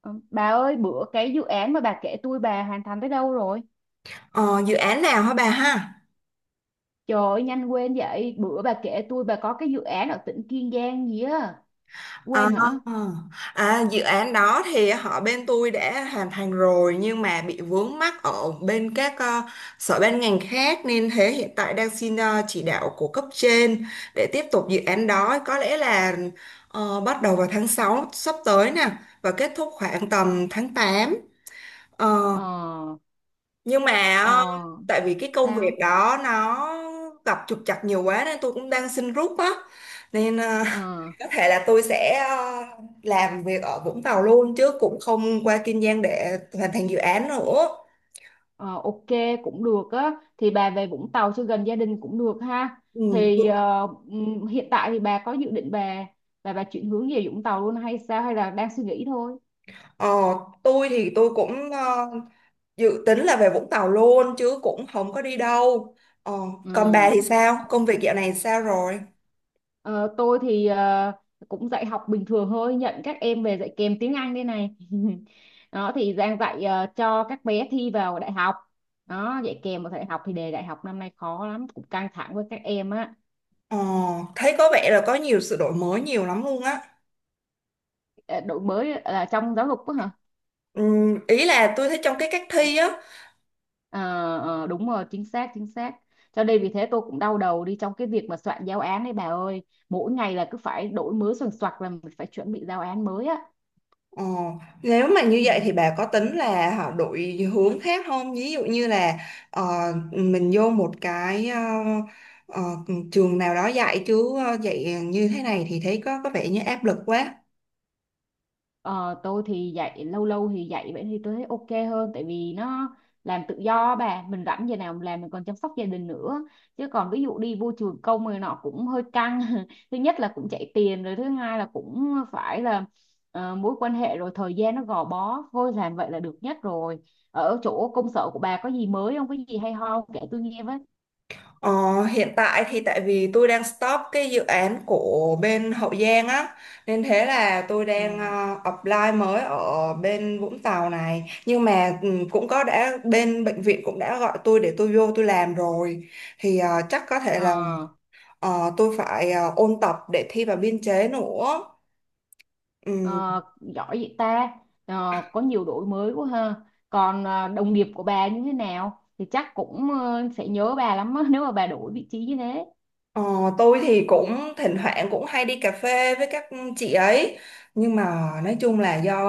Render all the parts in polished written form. Ờ, Bà ơi, bữa cái dự án mà bà kể tôi bà hoàn thành tới đâu rồi? Ờ, dự án nào hả bà ha? Trời ơi, nhanh quên vậy. Bữa bà kể tôi bà có cái dự án ở tỉnh Kiên Giang gì á. Ờ, Quên hả? Dự án đó thì họ bên tôi đã hoàn thành rồi nhưng mà bị vướng mắc ở bên các sở ban ngành khác nên thế hiện tại đang xin chỉ đạo của cấp trên để tiếp tục dự án đó, có lẽ là bắt đầu vào tháng 6 sắp tới nè và kết thúc khoảng tầm tháng tám. Ờ, Ờ, ờ, nhưng mà ờ, ờ, tại vì cái công việc sao? đó nó gặp trục trặc nhiều quá nên tôi cũng đang xin rút á, nên Ờ, có thể là tôi sẽ làm việc ở Vũng Tàu luôn chứ cũng không qua Kiên Giang để hoàn thành dự án nữa. ờ, ok, cũng được á. Thì bà về Vũng Tàu cho gần gia đình cũng được ha. Ừ. Thì ờ, Hiện tại thì bà có dự định bà chuyển hướng về Vũng Tàu luôn hay sao? Hay là đang suy nghĩ thôi? ờ, tôi thì tôi cũng dự tính là về Vũng Tàu luôn chứ cũng không có đi đâu. ờ, Còn bà Ừ. thì sao, công việc dạo này sao rồi? Ờ, tôi thì cũng dạy học bình thường thôi, nhận các em về dạy kèm tiếng Anh đây này. Đó thì đang dạy cho các bé thi vào đại học. Đó, dạy kèm vào đại học thì đề đại học năm nay khó lắm, cũng căng thẳng với các em á. ờ, Thấy có vẻ là có nhiều sự đổi mới nhiều lắm luôn á. Ờ, đổi mới là trong giáo dục á hả? Ừ, ý là tôi thấy trong cái cách thi á. Ờ, đúng rồi, chính xác, chính xác. Cho nên vì thế tôi cũng đau đầu đi trong cái việc mà soạn giáo án đấy bà ơi. Mỗi ngày là cứ phải đổi mới soạn soạc là mình phải chuẩn bị giáo án mới á. Ờ, nếu mà như Ừ. vậy thì bà có tính là họ đổi hướng khác không? Ví dụ như là ờ, mình vô một cái ờ, trường nào đó dạy chứ dạy như thế này thì thấy có vẻ như áp lực quá. Ờ, tôi thì dạy lâu lâu thì dạy vậy thì tôi thấy ok hơn tại vì nó làm tự do bà mình rảnh giờ nào mình làm mình còn chăm sóc gia đình nữa chứ còn ví dụ đi vô trường công người nọ cũng hơi căng thứ nhất là cũng chạy tiền rồi thứ hai là cũng phải là mối quan hệ rồi thời gian nó gò bó thôi làm vậy là được nhất rồi ở chỗ công sở của bà có gì mới không có gì hay ho kể tôi nghe với. Ờ, Hiện tại thì tại vì tôi đang stop cái dự án của bên Hậu Giang á, nên thế là tôi Ừ. đang apply mới ở bên Vũng Tàu này, nhưng mà cũng có, đã bên bệnh viện cũng đã gọi tôi để tôi vô tôi làm rồi, thì chắc có thể là Ờ. Tôi phải ôn tập để thi vào biên chế nữa. Ừ. Ờ, giỏi vậy ta. Ờ, có nhiều đổi mới quá ha còn đồng nghiệp của bà như thế nào thì chắc cũng sẽ nhớ bà lắm á, nếu mà bà đổi vị trí như thế. Ờ, tôi thì cũng thỉnh thoảng cũng hay đi cà phê với các chị ấy, nhưng mà nói chung là do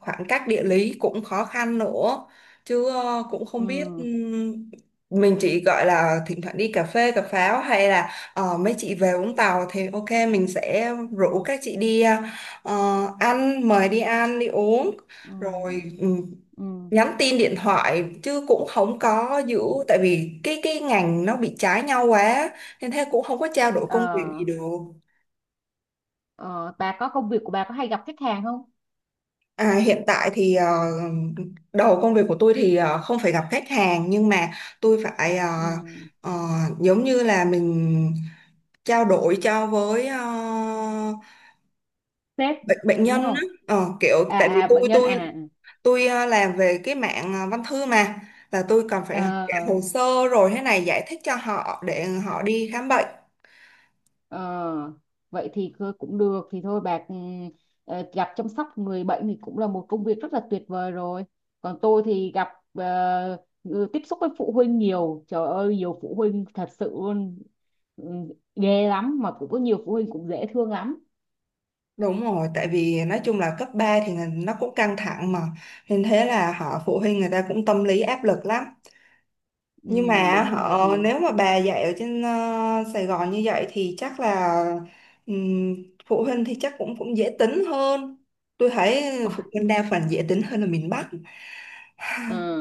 khoảng cách địa lý cũng khó khăn nữa, chứ cũng không biết ừ, mình chỉ gọi là thỉnh thoảng đi cà phê cà pháo, hay là mấy chị về Vũng Tàu thì ok mình sẽ rủ ừ, các chị đi ăn, mời đi ăn đi uống rồi ừ, ừ. nhắn tin điện thoại chứ cũng không có giữ, tại vì cái ngành nó bị trái nhau quá nên thế cũng không có trao đổi công việc gì Ờ, được. ờ, bà có công việc của bà có hay gặp khách hàng không. À, hiện tại thì đầu công việc của tôi thì không phải gặp khách hàng, nhưng mà tôi phải Ừ. ờ, giống như là mình trao đổi cho với Sếp bệnh bệnh đúng nhân á. không, Ờ, kiểu à tại vì à bệnh tôi nhân tôi à à. tôi làm về cái mạng văn thư mà, là tôi cần phải học À. cả Ờ. hồ sơ rồi thế này giải thích cho họ để họ đi khám bệnh. Ờ, vậy thì cũng được thì thôi bạc ừ, gặp chăm sóc người bệnh thì cũng là một công việc rất là tuyệt vời rồi còn tôi thì gặp ờ, tiếp xúc với phụ huynh nhiều trời ơi nhiều phụ huynh thật sự luôn ừ, ghê lắm mà cũng có nhiều phụ huynh cũng dễ thương lắm Đúng rồi, tại vì nói chung là cấp 3 thì là nó cũng căng thẳng mà. Nên thế là họ, phụ huynh người ta cũng tâm lý áp lực lắm. ừ, Nhưng mà đúng rồi họ, thì nếu mà bà dạy ở trên Sài Gòn như vậy thì chắc là ừm, phụ huynh thì chắc cũng cũng dễ tính hơn. Tôi thấy phụ Ôi, huynh đa phần dễ tính hơn là miền Bắc. ờ,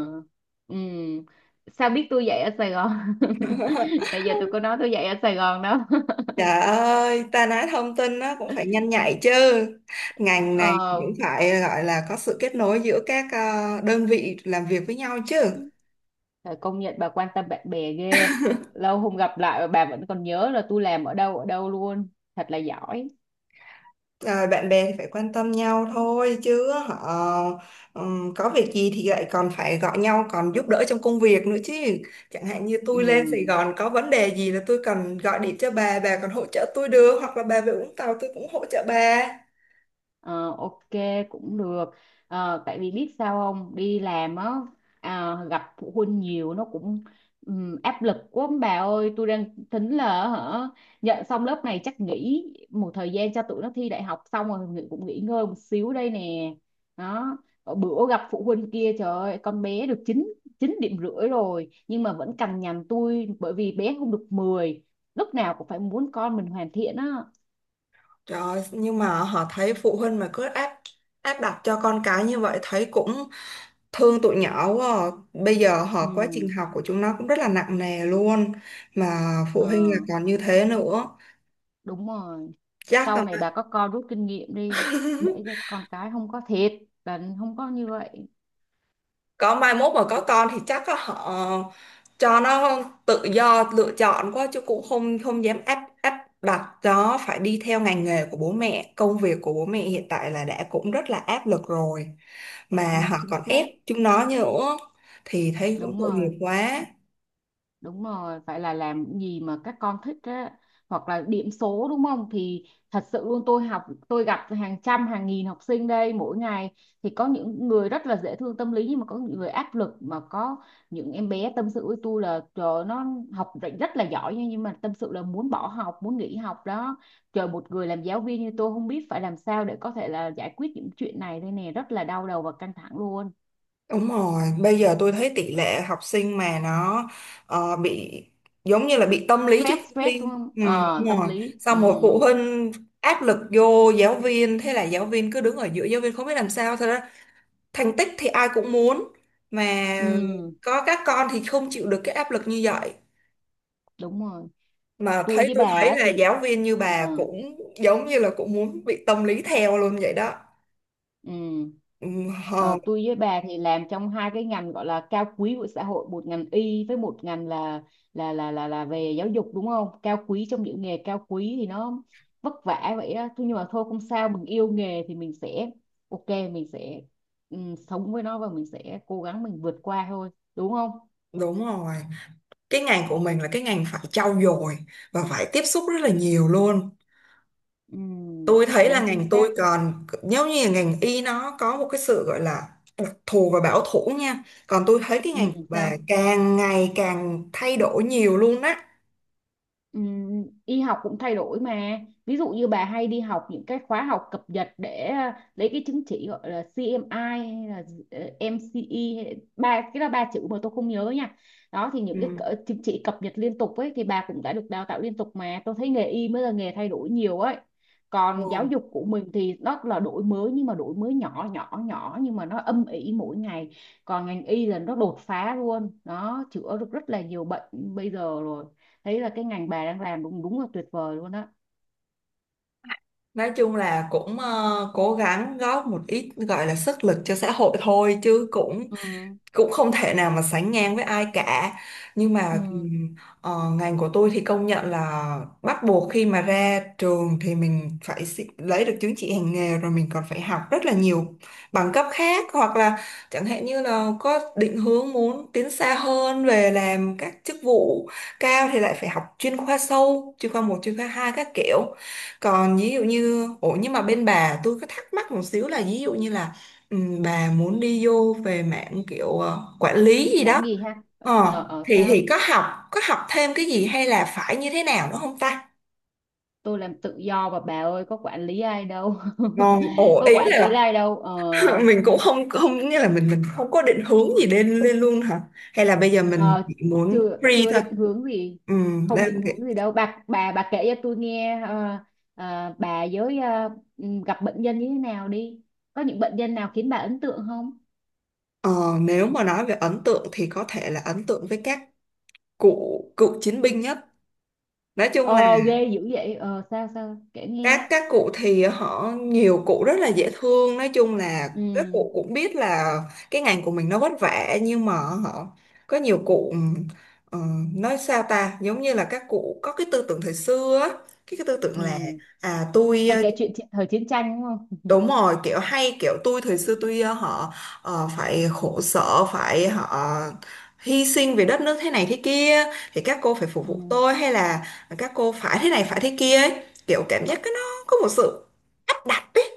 ừ. ừ. sao biết tôi dạy ở Sài Gòn. Bây giờ tôi có nói tôi dạy ở Sài Gòn đó. Trời ơi, ta nói thông tin nó cũng phải nhanh nhạy chứ. Ngành này Ờ. cũng phải gọi là có sự kết nối giữa các đơn vị làm việc với nhau chứ. Trời, công nhận bà quan tâm bạn bè ghê. Lâu không gặp lại mà bà vẫn còn nhớ là tôi làm ở đâu luôn. Thật là giỏi. Ờ, bạn bè thì phải quan tâm nhau thôi chứ họ có việc gì thì lại còn phải gọi nhau, còn giúp đỡ trong công việc nữa chứ. Chẳng hạn như Ừ. tôi lên Sài Gòn có vấn đề gì là tôi cần gọi điện cho bà còn hỗ trợ tôi được, hoặc là bà về Vũng Tàu tôi cũng hỗ trợ bà. Ờ, ok, cũng được. Ờ, tại vì biết sao không đi làm á, à, gặp phụ huynh nhiều nó cũng áp lực quá ông bà ơi tôi đang tính là hả nhận xong lớp này chắc nghỉ một thời gian cho tụi nó thi đại học xong rồi cũng nghỉ ngơi một xíu đây nè đó. Ở bữa gặp phụ huynh kia trời ơi con bé được chín chín điểm rưỡi rồi nhưng mà vẫn cằn nhằn tôi bởi vì bé không được mười, lúc nào cũng phải muốn con mình hoàn thiện á. Trời, nhưng mà họ thấy phụ huynh mà cứ áp áp đặt cho con cái như vậy thấy cũng thương tụi nhỏ quá à. Bây giờ họ, quá trình Ừ. học của chúng nó cũng rất là nặng nề luôn, mà phụ Ờ, huynh là còn như thế nữa, đúng rồi, chắc sau là này bà có con rút kinh nghiệm đi để cho con cái không có thiệt bệnh không có như vậy. có mai mốt mà có con thì chắc á, họ cho nó tự do lựa chọn quá chứ cũng không không dám áp áp đặt nó phải đi theo ngành nghề của bố mẹ, công việc của bố mẹ hiện tại là đã cũng rất là áp lực rồi, mà Đúng họ chính còn xác, ép chúng nó nữa thì thấy cũng đúng tội rồi. nghiệp quá. Đúng rồi, phải là làm những gì mà các con thích á hoặc là điểm số đúng không? Thì thật sự luôn tôi học tôi gặp hàng trăm hàng nghìn học sinh đây mỗi ngày thì có những người rất là dễ thương tâm lý nhưng mà có những người áp lực mà có những em bé tâm sự với tôi là trời ơi, nó học rất rất là giỏi nha nhưng mà tâm sự là muốn bỏ học, muốn nghỉ học đó. Trời một người làm giáo viên như tôi không biết phải làm sao để có thể là giải quyết những chuyện này đây nè, rất là đau đầu và căng thẳng luôn. Đúng rồi, bây giờ tôi thấy tỷ lệ học sinh mà nó bị giống như là bị tâm lý trước Stress khi stress đúng thi. không? Ừ, Ờ đúng tâm rồi. lý. Ừ. Xong một phụ huynh áp lực vô giáo viên, thế là giáo viên cứ đứng ở giữa, giáo viên không biết làm sao. Thật ra thành tích thì ai cũng muốn, mà Ừ. có các con thì không chịu được cái áp lực như vậy. Đúng rồi, Mà tôi thấy, với bà tôi thấy á là thì giáo viên như ờ, bà cũng giống như là cũng muốn bị tâm lý theo luôn vậy đó. ừ. Ừ, hờ, Ờ, tôi với bà thì làm trong hai cái ngành gọi là cao quý của xã hội một ngành y với một ngành là về giáo dục đúng không cao quý trong những nghề cao quý thì nó vất vả vậy á. Thôi nhưng mà thôi không sao mình yêu nghề thì mình sẽ ok mình sẽ ừ, sống với nó và mình sẽ cố gắng mình vượt qua thôi đúng không. đúng rồi. Cái ngành của mình là cái ngành phải trau dồi và phải tiếp xúc rất là nhiều luôn. Ừ, Tôi thấy là đúng chính ngành tôi, xác. còn nếu như là ngành y nó có một cái sự gọi là đặc thù và bảo thủ nha, còn tôi thấy cái Ừ, ngành của bà sao. càng ngày càng thay đổi nhiều luôn á. Y học cũng thay đổi mà, ví dụ như bà hay đi học những cái khóa học cập nhật để lấy cái chứng chỉ gọi là CMI hay là MCE ba cái là ba chữ mà tôi không nhớ nha đó thì những Ừ. Chứng chỉ cập nhật liên tục ấy thì bà cũng đã được đào tạo liên tục mà tôi thấy nghề y mới là nghề thay đổi nhiều ấy Ừ. còn giáo dục của mình thì nó là đổi mới nhưng mà đổi mới nhỏ nhỏ nhỏ nhưng mà nó âm ỉ mỗi ngày còn ngành y là nó đột phá luôn nó chữa được rất là nhiều bệnh bây giờ rồi thấy là cái ngành bà đang làm đúng đúng là tuyệt vời luôn á. Nói chung là cũng cố gắng góp một ít gọi là sức lực cho xã hội thôi chứ cũng Ừ. cũng không thể nào mà sánh ngang với ai cả, nhưng mà Ừ. Ngành của tôi thì công nhận là bắt buộc, khi mà ra trường thì mình phải lấy được chứng chỉ hành nghề, rồi mình còn phải học rất là nhiều bằng cấp khác, hoặc là chẳng hạn như là có định hướng muốn tiến xa hơn về làm các chức vụ cao thì lại phải học chuyên khoa sâu, chuyên khoa một, chuyên khoa hai các kiểu. Còn ví dụ như, ủa nhưng mà bên bà tôi có thắc mắc một xíu là, ví dụ như là Ừ, bà muốn đi vô về mạng kiểu quản lý gì đó Mảng gì ha. Thì sao. thì có học thêm cái gì hay là phải như thế nào nữa không ta? Tôi làm tự do mà bà ơi có quản lý ai đâu. Còn ồ, Có ý quản lý là ai đâu ờ. mình cũng không không nghĩa là mình không có định hướng gì lên lên luôn hả, hay là bây giờ mình Ờ, chỉ muốn chưa free chưa thôi? định hướng gì, Ừ, không đang định kiểu- hướng gì đâu bà, kể cho tôi nghe bà với gặp bệnh nhân như thế nào đi có những bệnh nhân nào khiến bà ấn tượng không. ờ, nếu mà nói về ấn tượng thì có thể là ấn tượng với các cụ cựu chiến binh nhất. Nói chung là Ờ ghê dữ vậy ờ sao sao kể nghe. các cụ thì họ, nhiều cụ rất là dễ thương, nói chung là các Ừ. cụ cũng biết là cái ngành của mình nó vất vả, nhưng mà họ, có nhiều cụ ờ, nói sao ta, giống như là các cụ có cái tư tưởng thời xưa á, cái tư tưởng là Ừ. à tôi Hay kể chuyện thời chiến tranh đúng không. Đúng rồi, kiểu hay kiểu tôi thời xưa tôi họ phải khổ sở, phải họ hy sinh vì đất nước thế này thế kia, thì các cô phải phục Ừ. vụ tôi, hay là các cô phải thế này phải thế kia ấy. Kiểu cảm giác cái nó có một sự áp đặt ấy.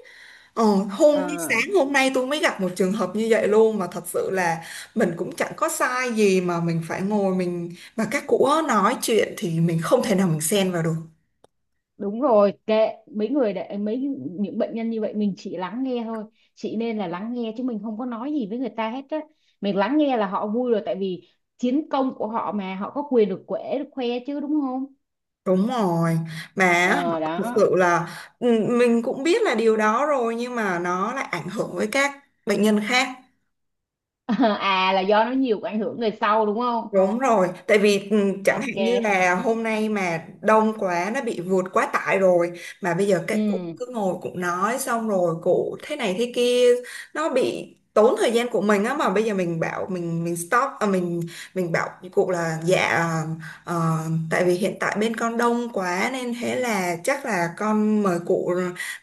Ờ, hôm À, sáng hôm nay tôi mới gặp một trường hợp như vậy luôn, mà thật sự là mình cũng chẳng có sai gì mà mình phải ngồi, mình mà các cụ nói chuyện thì mình không thể nào mình xen vào được. đúng rồi kệ mấy người để mấy những bệnh nhân như vậy mình chỉ lắng nghe thôi chị nên là lắng nghe chứ mình không có nói gì với người ta hết á mình lắng nghe là họ vui rồi tại vì chiến công của họ mà họ có quyền được quể được khoe chứ đúng không. Đúng rồi, mà á, Ờ thực đó. sự là ừ, mình cũng biết là điều đó rồi, nhưng mà nó lại ảnh hưởng với các bệnh nhân khác. À là do nó nhiều cái ảnh hưởng người sau đúng không. Đúng rồi, tại vì ừ, chẳng Ok. hạn như là hôm nay mà đông quá nó bị vượt quá tải rồi, mà bây giờ các cụ Ừ. cứ ngồi cụ nói xong rồi cụ thế này thế kia, nó bị tốn thời gian của mình á, mà bây giờ mình bảo mình stop à, mình bảo với cụ là dạ ờ, tại vì hiện tại bên con đông quá nên thế là chắc là con mời cụ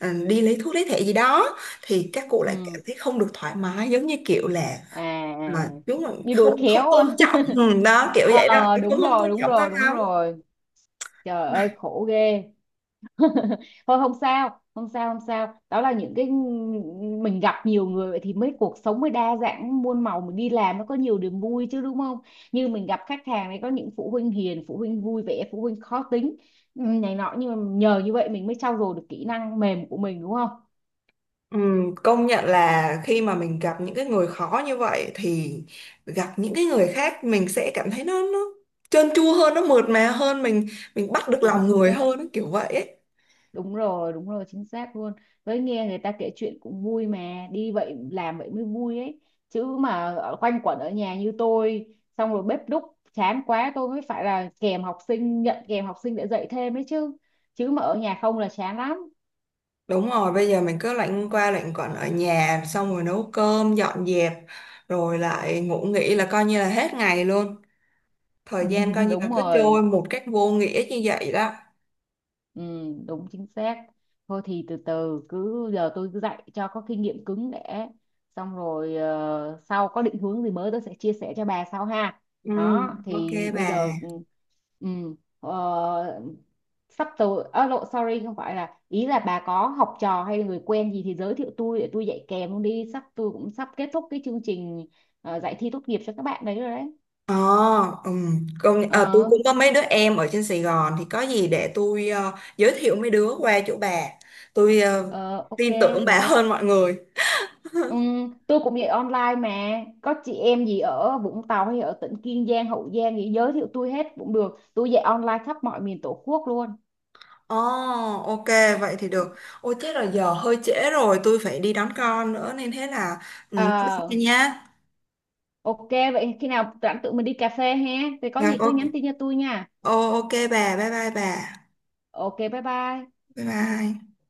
ừ, đi lấy thuốc lấy thẻ gì đó, thì các cụ lại cảm Ừ. thấy không được thoải mái, giống như kiểu là À à. à, À. đúng rồi, Như đùi không không khéo. tôn trọng, ừ, đó kiểu vậy đó, Ờ cũng đúng không rồi tôn đúng trọng ta rồi đúng lắm. rồi trời ơi khổ ghê. Thôi không sao không sao không sao đó là những cái mình gặp nhiều người vậy thì mới cuộc sống mới đa dạng muôn màu mình đi làm nó có nhiều niềm vui chứ đúng không như mình gặp khách hàng này có những phụ huynh hiền phụ huynh vui vẻ phụ huynh khó tính ừ, này nọ nhưng mà nhờ như vậy mình mới trau dồi được kỹ năng mềm của mình đúng không. Ừ, công nhận là khi mà mình gặp những cái người khó như vậy thì gặp những cái người khác mình sẽ cảm thấy nó trơn tru hơn, nó mượt mà hơn, mình bắt được Đúng lòng chính người xác, hơn ấy, kiểu vậy ấy. Đúng rồi chính xác luôn với nghe người ta kể chuyện cũng vui mà đi vậy làm vậy mới vui ấy chứ mà quanh quẩn ở nhà như tôi xong rồi bếp núc chán quá tôi mới phải là kèm học sinh nhận kèm học sinh để dạy thêm ấy chứ chứ mà ở nhà không là chán lắm. Đúng rồi, bây giờ mình cứ lạnh qua lạnh quẩn ở nhà xong rồi nấu cơm dọn dẹp, rồi lại ngủ nghỉ là coi như là hết ngày luôn, thời gian coi như là Đúng cứ trôi rồi. một cách vô nghĩa như vậy đó. Ừ, đúng chính xác. Thôi thì từ từ cứ giờ tôi cứ dạy cho có kinh nghiệm cứng để xong rồi sau có định hướng gì mới tôi sẽ chia sẻ cho bà sau ha. Ừ, Đó ok thì bây bà. giờ ừ, ờ, sắp tới à, lộ sorry không phải là ý là bà có học trò hay là người quen gì thì giới thiệu tôi để tôi dạy kèm luôn đi, sắp tôi cũng sắp kết thúc cái chương trình dạy thi tốt nghiệp cho các bạn đấy rồi đấy. Ờ, à, tôi Ờ cũng có mấy đứa em ở trên Sài Gòn thì có gì để tôi giới thiệu mấy đứa qua chỗ bà. Tôi ờ, ok tin tưởng bà được. hơn mọi người. Ừ, tôi cũng dạy online mà có chị em gì ở Vũng Tàu hay ở tỉnh Kiên Giang Hậu Giang gì giới thiệu tôi hết cũng được tôi dạy online khắp mọi miền Tổ quốc luôn. Ồ, ok, vậy thì được. Ôi chết rồi, giờ hơi trễ rồi, tôi phải đi đón con nữa nên thế là ừ, bye bye Ờ, nha. ok vậy khi nào rảnh tụi mình đi cà phê ha thì có Dạ, gì cứ nhắn tin cho tôi nha ok bà, bye bye bà. ok bye bye Bye bye.